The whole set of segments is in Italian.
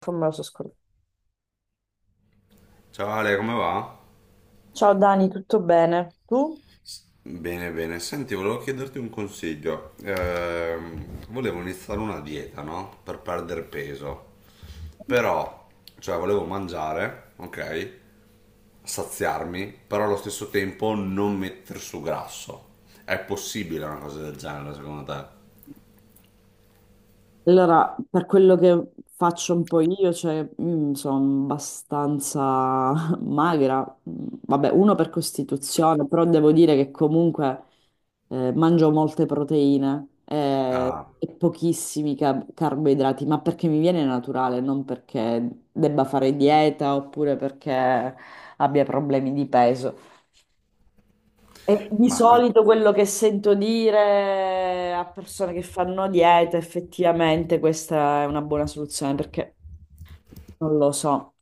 Tommaso Scor- Ciao Ale, come va? Ciao Dani, tutto bene? Tu? Bene, bene. Senti, volevo chiederti un consiglio. Volevo iniziare una dieta, no? Per perdere peso. Però, cioè, volevo mangiare, ok? Saziarmi, però allo stesso tempo non mettere su grasso. È possibile una cosa del genere, secondo te? Allora, per quello che faccio un po' io, cioè, sono abbastanza magra. Vabbè, uno per costituzione, però devo dire che comunque mangio molte proteine, Ah, e pochissimi carboidrati, ma perché mi viene naturale, non perché debba fare dieta oppure perché abbia problemi di peso. E di ma quindi... solito quello che sento dire a persone che fanno dieta, effettivamente questa è una buona soluzione, perché non lo so.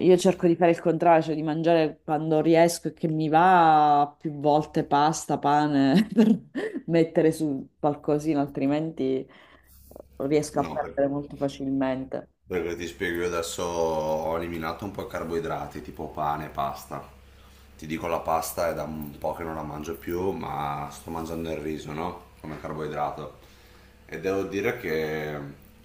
Io cerco di fare il contrario, cioè di mangiare quando riesco e che mi va più volte pasta, pane, per mettere su qualcosina, altrimenti riesco a No, per- perdere molto facilmente. Perché ti spiego, io adesso ho eliminato un po' i carboidrati, tipo pane, pasta. Ti dico, la pasta è da un po' che non la mangio più, ma sto mangiando il riso, no? Come carboidrato. E devo dire che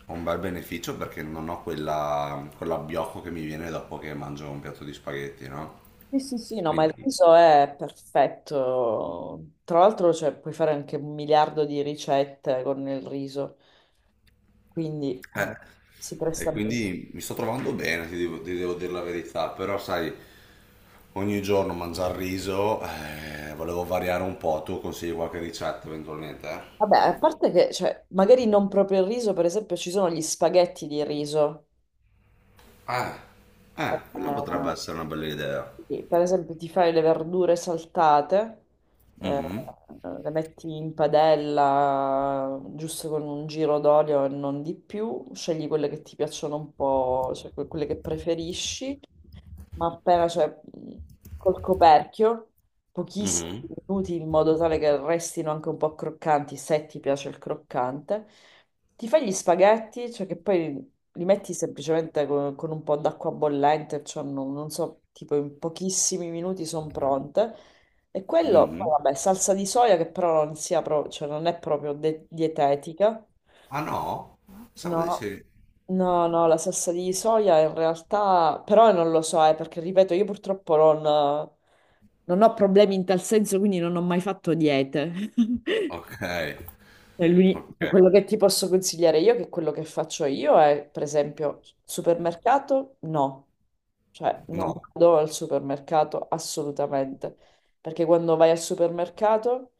ho un bel beneficio perché non ho quella, quell'abbiocco che mi viene dopo che mangio un piatto di spaghetti, no? Sì, sì, sì, no, ma il Quindi riso è perfetto. Tra l'altro, cioè, puoi fare anche un miliardo di ricette con il riso, quindi Eh, no, si presta e bene. quindi mi sto trovando bene, ti devo dire la verità, però sai, ogni giorno mangiare riso, volevo variare un po', tu consigli qualche ricetta eventualmente, eh? Vabbè, a parte che, cioè, magari non proprio il riso, per esempio, ci sono gli spaghetti di riso. Ah, quella Eh, potrebbe essere una bella idea. sì, per esempio, ti fai le verdure saltate, eh, Mhm, le metti in padella giusto con un giro d'olio e non di più, scegli quelle che ti piacciono un po', cioè quelle che preferisci, ma appena, cioè, mh, col coperchio, pochissimi mhm, minuti in modo tale che restino anche un po' croccanti, se ti piace il croccante. Ti fai gli spaghetti, cioè che poi li metti semplicemente con un po' d'acqua bollente, cioè non, non so, tipo in pochissimi minuti sono pronte. E quello, poi mhm. vabbè, salsa di soia che però non sia cioè non è proprio dietetica. Ah no? Pensavo di No, sì. no, no, la salsa di soia in realtà, però non lo so, perché ripeto, io purtroppo non, non ho problemi in tal senso, quindi non ho mai fatto diete. Ok, ok, Quello che ti posso consigliare io, che quello che faccio io è, per esempio, supermercato, no. Cioè, non no. vado al supermercato assolutamente, perché quando vai al supermercato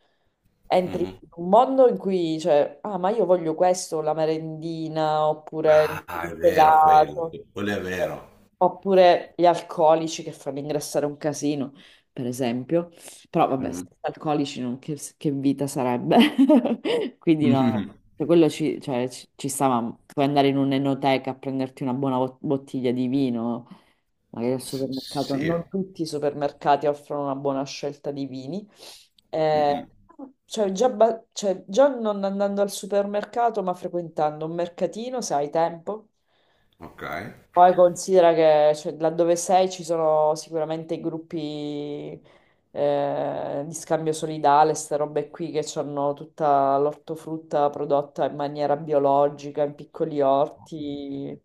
entri Mhm. in un mondo in cui, cioè, ah, ma io voglio questo, la merendina, oppure Ah, il è vero quello, gelato, quello è eh, vero. oppure gli alcolici che fanno ingrassare un casino, per esempio. Però vabbè, Mhm. senza alcolici non- che vita sarebbe? Quindi no, Mhm. cioè, quello ci, cioè, ci, ci sta, ma puoi andare in un'enoteca a prenderti una buona bottiglia di vino, magari al S- supermercato non Sì. tutti i supermercati offrono una buona scelta di vini. Eh, Mm-mm. cioè, già, cioè, già non andando al supermercato, ma frequentando un mercatino, se hai tempo. Ok. Poi considera che cioè, laddove sei ci sono sicuramente i gruppi, di scambio solidale, queste robe qui che hanno tutta l'ortofrutta prodotta in maniera biologica, in piccoli orti.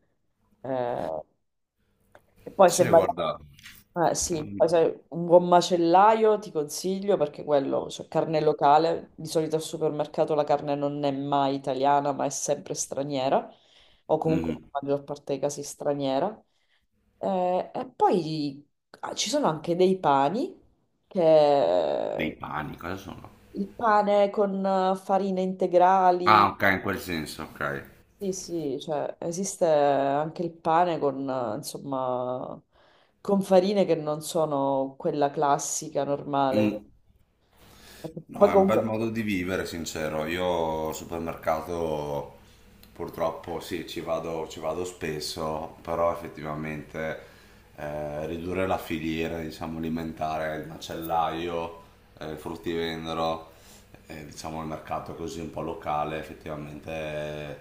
Eh, e poi se Sì, vai... guarda. Sì, poi un buon macellaio ti consiglio perché quello, cioè carne locale, di solito al supermercato la carne non è mai italiana, ma è sempre straniera, o comunque nella Mhm. maggior parte dei casi straniera. E poi ah, ci sono anche dei pani Dei che pani, cosa sono? il pane con farine integrali. Ah, ok, in quel senso, ok. Sì, sì, cioè esiste anche il pane con, insomma, con farine che non sono quella classica, normale. Mm. No, Poi è un bel comunque... modo di vivere, sincero. Io al supermercato purtroppo sì, ci vado spesso, però effettivamente ridurre la filiera, diciamo, alimentare, il macellaio, il fruttivendolo, diciamo il mercato così un po' locale, effettivamente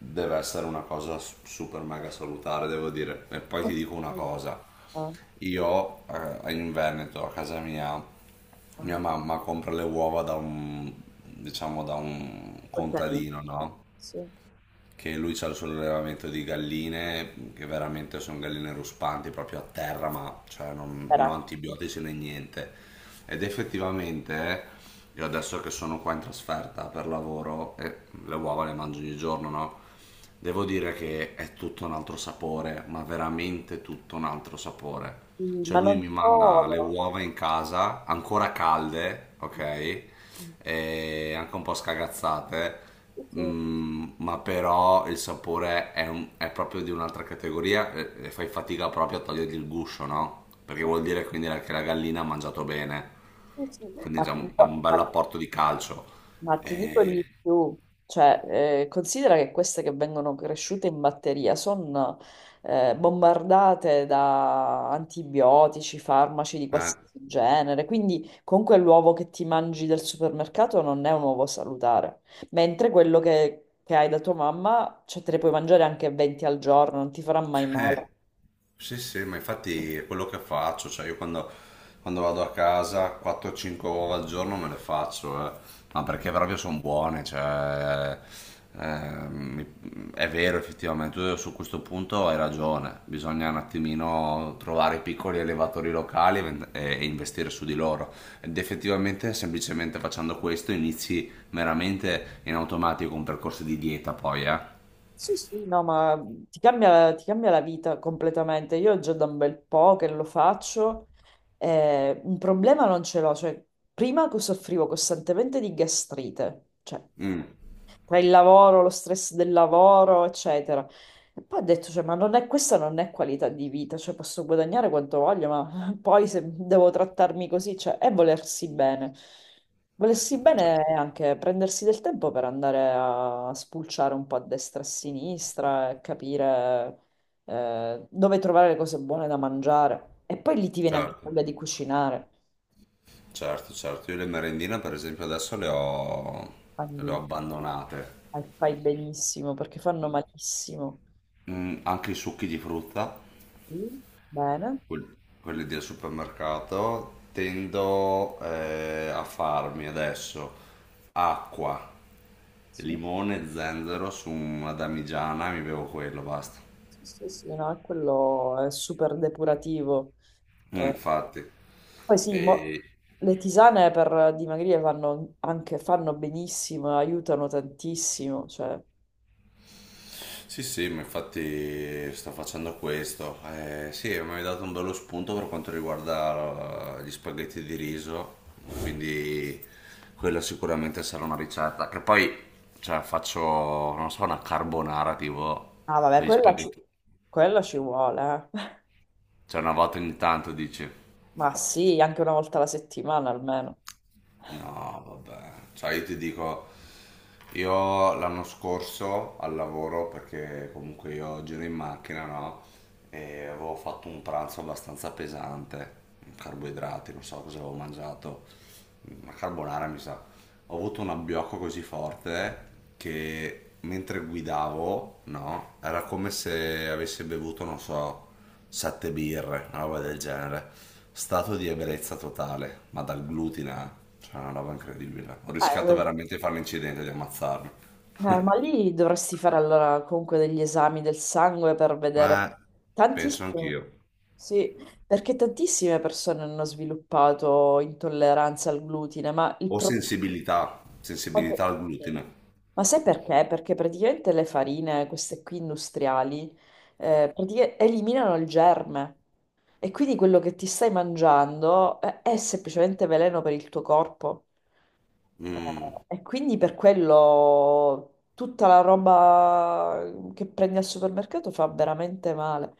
deve essere una cosa s- super mega salutare, devo dire. E poi ti dico una cosa. Ah, Io in Veneto, a casa mia, mia ah, mamma compra le uova da un, diciamo, da un contadini, contadino, no? sì, Che lui c'ha il suo allevamento di galline, che veramente sono galline ruspanti, proprio a terra, ma cioè, non, non era. antibiotici né niente. Ed effettivamente, io adesso che sono qua in trasferta per lavoro, e le uova le mangio ogni giorno, no? Devo dire che è tutto un altro sapore, ma veramente tutto un altro sapore. Sì, Cioè ma lui non mi manda le solo. uova in casa, ancora calde, ok? Sì, E anche un po' scagazzate, sì, mm, ma però il sapore è, un- è proprio di un'altra categoria e fai fatica proprio a togliergli il guscio, no? Perché sì, vuol dire quindi che la gallina ha mangiato bene, sì, sì. quindi Ma già ti un- ha un dico- ma bel ti dico apporto di calcio. Ma ti dico E, di più, cioè, considera che queste che vengono cresciute in batteria sono, bombardate da antibiotici, farmaci di eh. qualsiasi genere, quindi comunque l'uovo che ti mangi del supermercato non è un uovo salutare, mentre quello che hai da tua mamma, cioè, te ne puoi mangiare anche 20 al giorno, non ti farà mai male. Eh, sì, sì, ma infatti è quello che faccio, cioè io quando, quando vado a casa 4-5 uova al giorno me le faccio, eh. Ma perché proprio sono buone, cioè, mi- è vero effettivamente, tu su questo punto hai ragione, bisogna un attimino trovare i piccoli allevatori locali e, vend- e investire su di loro ed effettivamente semplicemente facendo questo inizi veramente in automatico un percorso di dieta poi, eh. Sì, sì, no, ma ti cambia la vita completamente. Io già da un bel po' che lo faccio, un problema non ce l'ho. Cioè, prima che soffrivo costantemente di gastrite, cioè Mm, tra il lavoro, lo stress del lavoro, eccetera. E poi ho detto, cioè, ma non è, questa non è qualità di vita, cioè posso guadagnare quanto voglio, ma poi se devo trattarmi così, cioè, è volersi bene. Volersi bene è anche prendersi del tempo per andare a spulciare un po' a destra e a sinistra e capire dove trovare le cose buone da mangiare. E poi lì ti viene anche certo. voglia di cucinare. Certo, certo, io le merendine per esempio adesso le ho Quindi abbandonate. Fai benissimo perché fanno malissimo. Mm, anche i succhi di frutta, Sì, bene. quel- quelli del supermercato, tendo a farmi adesso acqua, Sì, limone, zenzero su una damigiana e mi bevo quello, basta. sì, sì, sì, no, è quello è super depurativo. Mm, Eh, infatti. poi sì, mo- le tisane per dimagrire fanno anche fanno benissimo, aiutano tantissimo. Cioè... Sì, sì, ma infatti sto facendo questo. Sì, mi hai dato un bello spunto per quanto riguarda gli spaghetti di riso, quindi quella sicuramente sarà una ricetta. Che poi, cioè, faccio, non so, una carbonara tipo Ah, vabbè, con gli spaghetti. quella ci vuole, eh. Cioè, una volta ogni tanto dici. Ma sì, anche una volta alla settimana almeno. No, vabbè. Cioè, io ti dico, io l'anno scorso al lavoro, perché comunque io giro in macchina, no? E avevo fatto un pranzo abbastanza pesante, carboidrati, non so cosa avevo mangiato, una carbonara mi sa. Ho avuto un abbiocco così forte che mentre guidavo, no? Era come se avessi bevuto, non so, 7 birre, una roba del genere. Stato di ebbrezza totale, ma dal glutine, eh. Cioè una roba incredibile. Ho Eh, rischiato veramente di fare l'incidente, di ammazzarmi. Ma lì dovresti fare allora comunque degli esami del sangue per vedere Eh, penso tantissimo. anch'io. Sì, perché tantissime persone hanno sviluppato intolleranza al glutine, ma il Ho problema... sensibilità, sensibilità al sì. glutine. Ma sai perché? Perché praticamente le farine, queste qui industriali, eliminano il germe e quindi quello che ti stai mangiando, è semplicemente veleno per il tuo corpo. Mm, E quindi per quello tutta la roba che prendi al supermercato fa veramente male.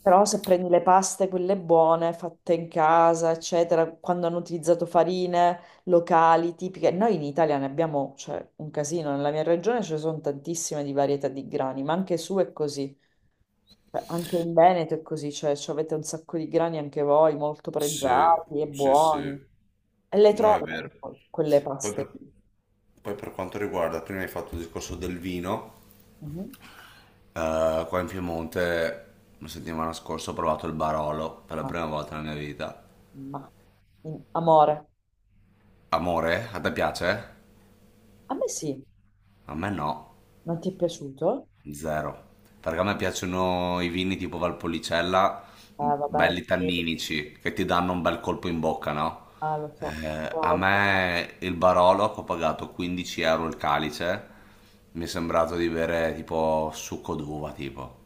Però se prendi le paste, quelle buone, fatte in casa, eccetera, quando hanno utilizzato farine locali, tipiche, noi in Italia ne abbiamo, cioè, un casino, nella mia regione ce ne sono tantissime di varietà di grani, ma anche su è così. Cioè, anche in Veneto è così, cioè, ci avete un sacco di grani anche voi, molto sì, pregiati e sì, buoni, sì. e le No, è trovi vero. quelle Poi paste per, lì. poi per quanto riguarda, prima hai fatto il discorso del vino, Mhm. Qua in Piemonte la settimana scorsa ho provato il Barolo per la Ma, prima volta nella mia vita. ma- amore, Amore, a te piace? a me sì, A me no, non ti è piaciuto? zero. Perché a me piacciono i vini tipo Valpolicella, m, Ah, vabbè, belli sì. tanninici, che ti danno un bel colpo in bocca, no? Ah, lo so, A lo so. me il Barolo, che ho pagato 15 euro il calice, mi è sembrato di bere tipo succo d'uva, tipo.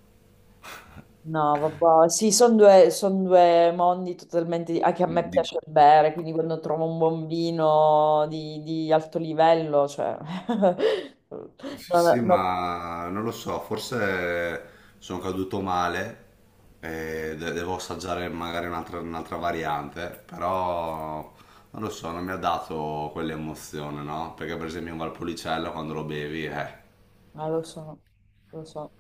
No, vabbè, sì, sono due, son due mondi totalmente... di- Anche a me Di- piace bere, quindi quando trovo un buon vino di alto livello, cioè... Sì, No, no, sì, no. ma non lo so, forse sono caduto male e de- devo assaggiare magari un'altra un'altra variante, però non lo so, non mi ha dato quell'emozione, no? Perché per esempio in Valpolicella quando lo bevi, eh. Ah, lo so, lo so.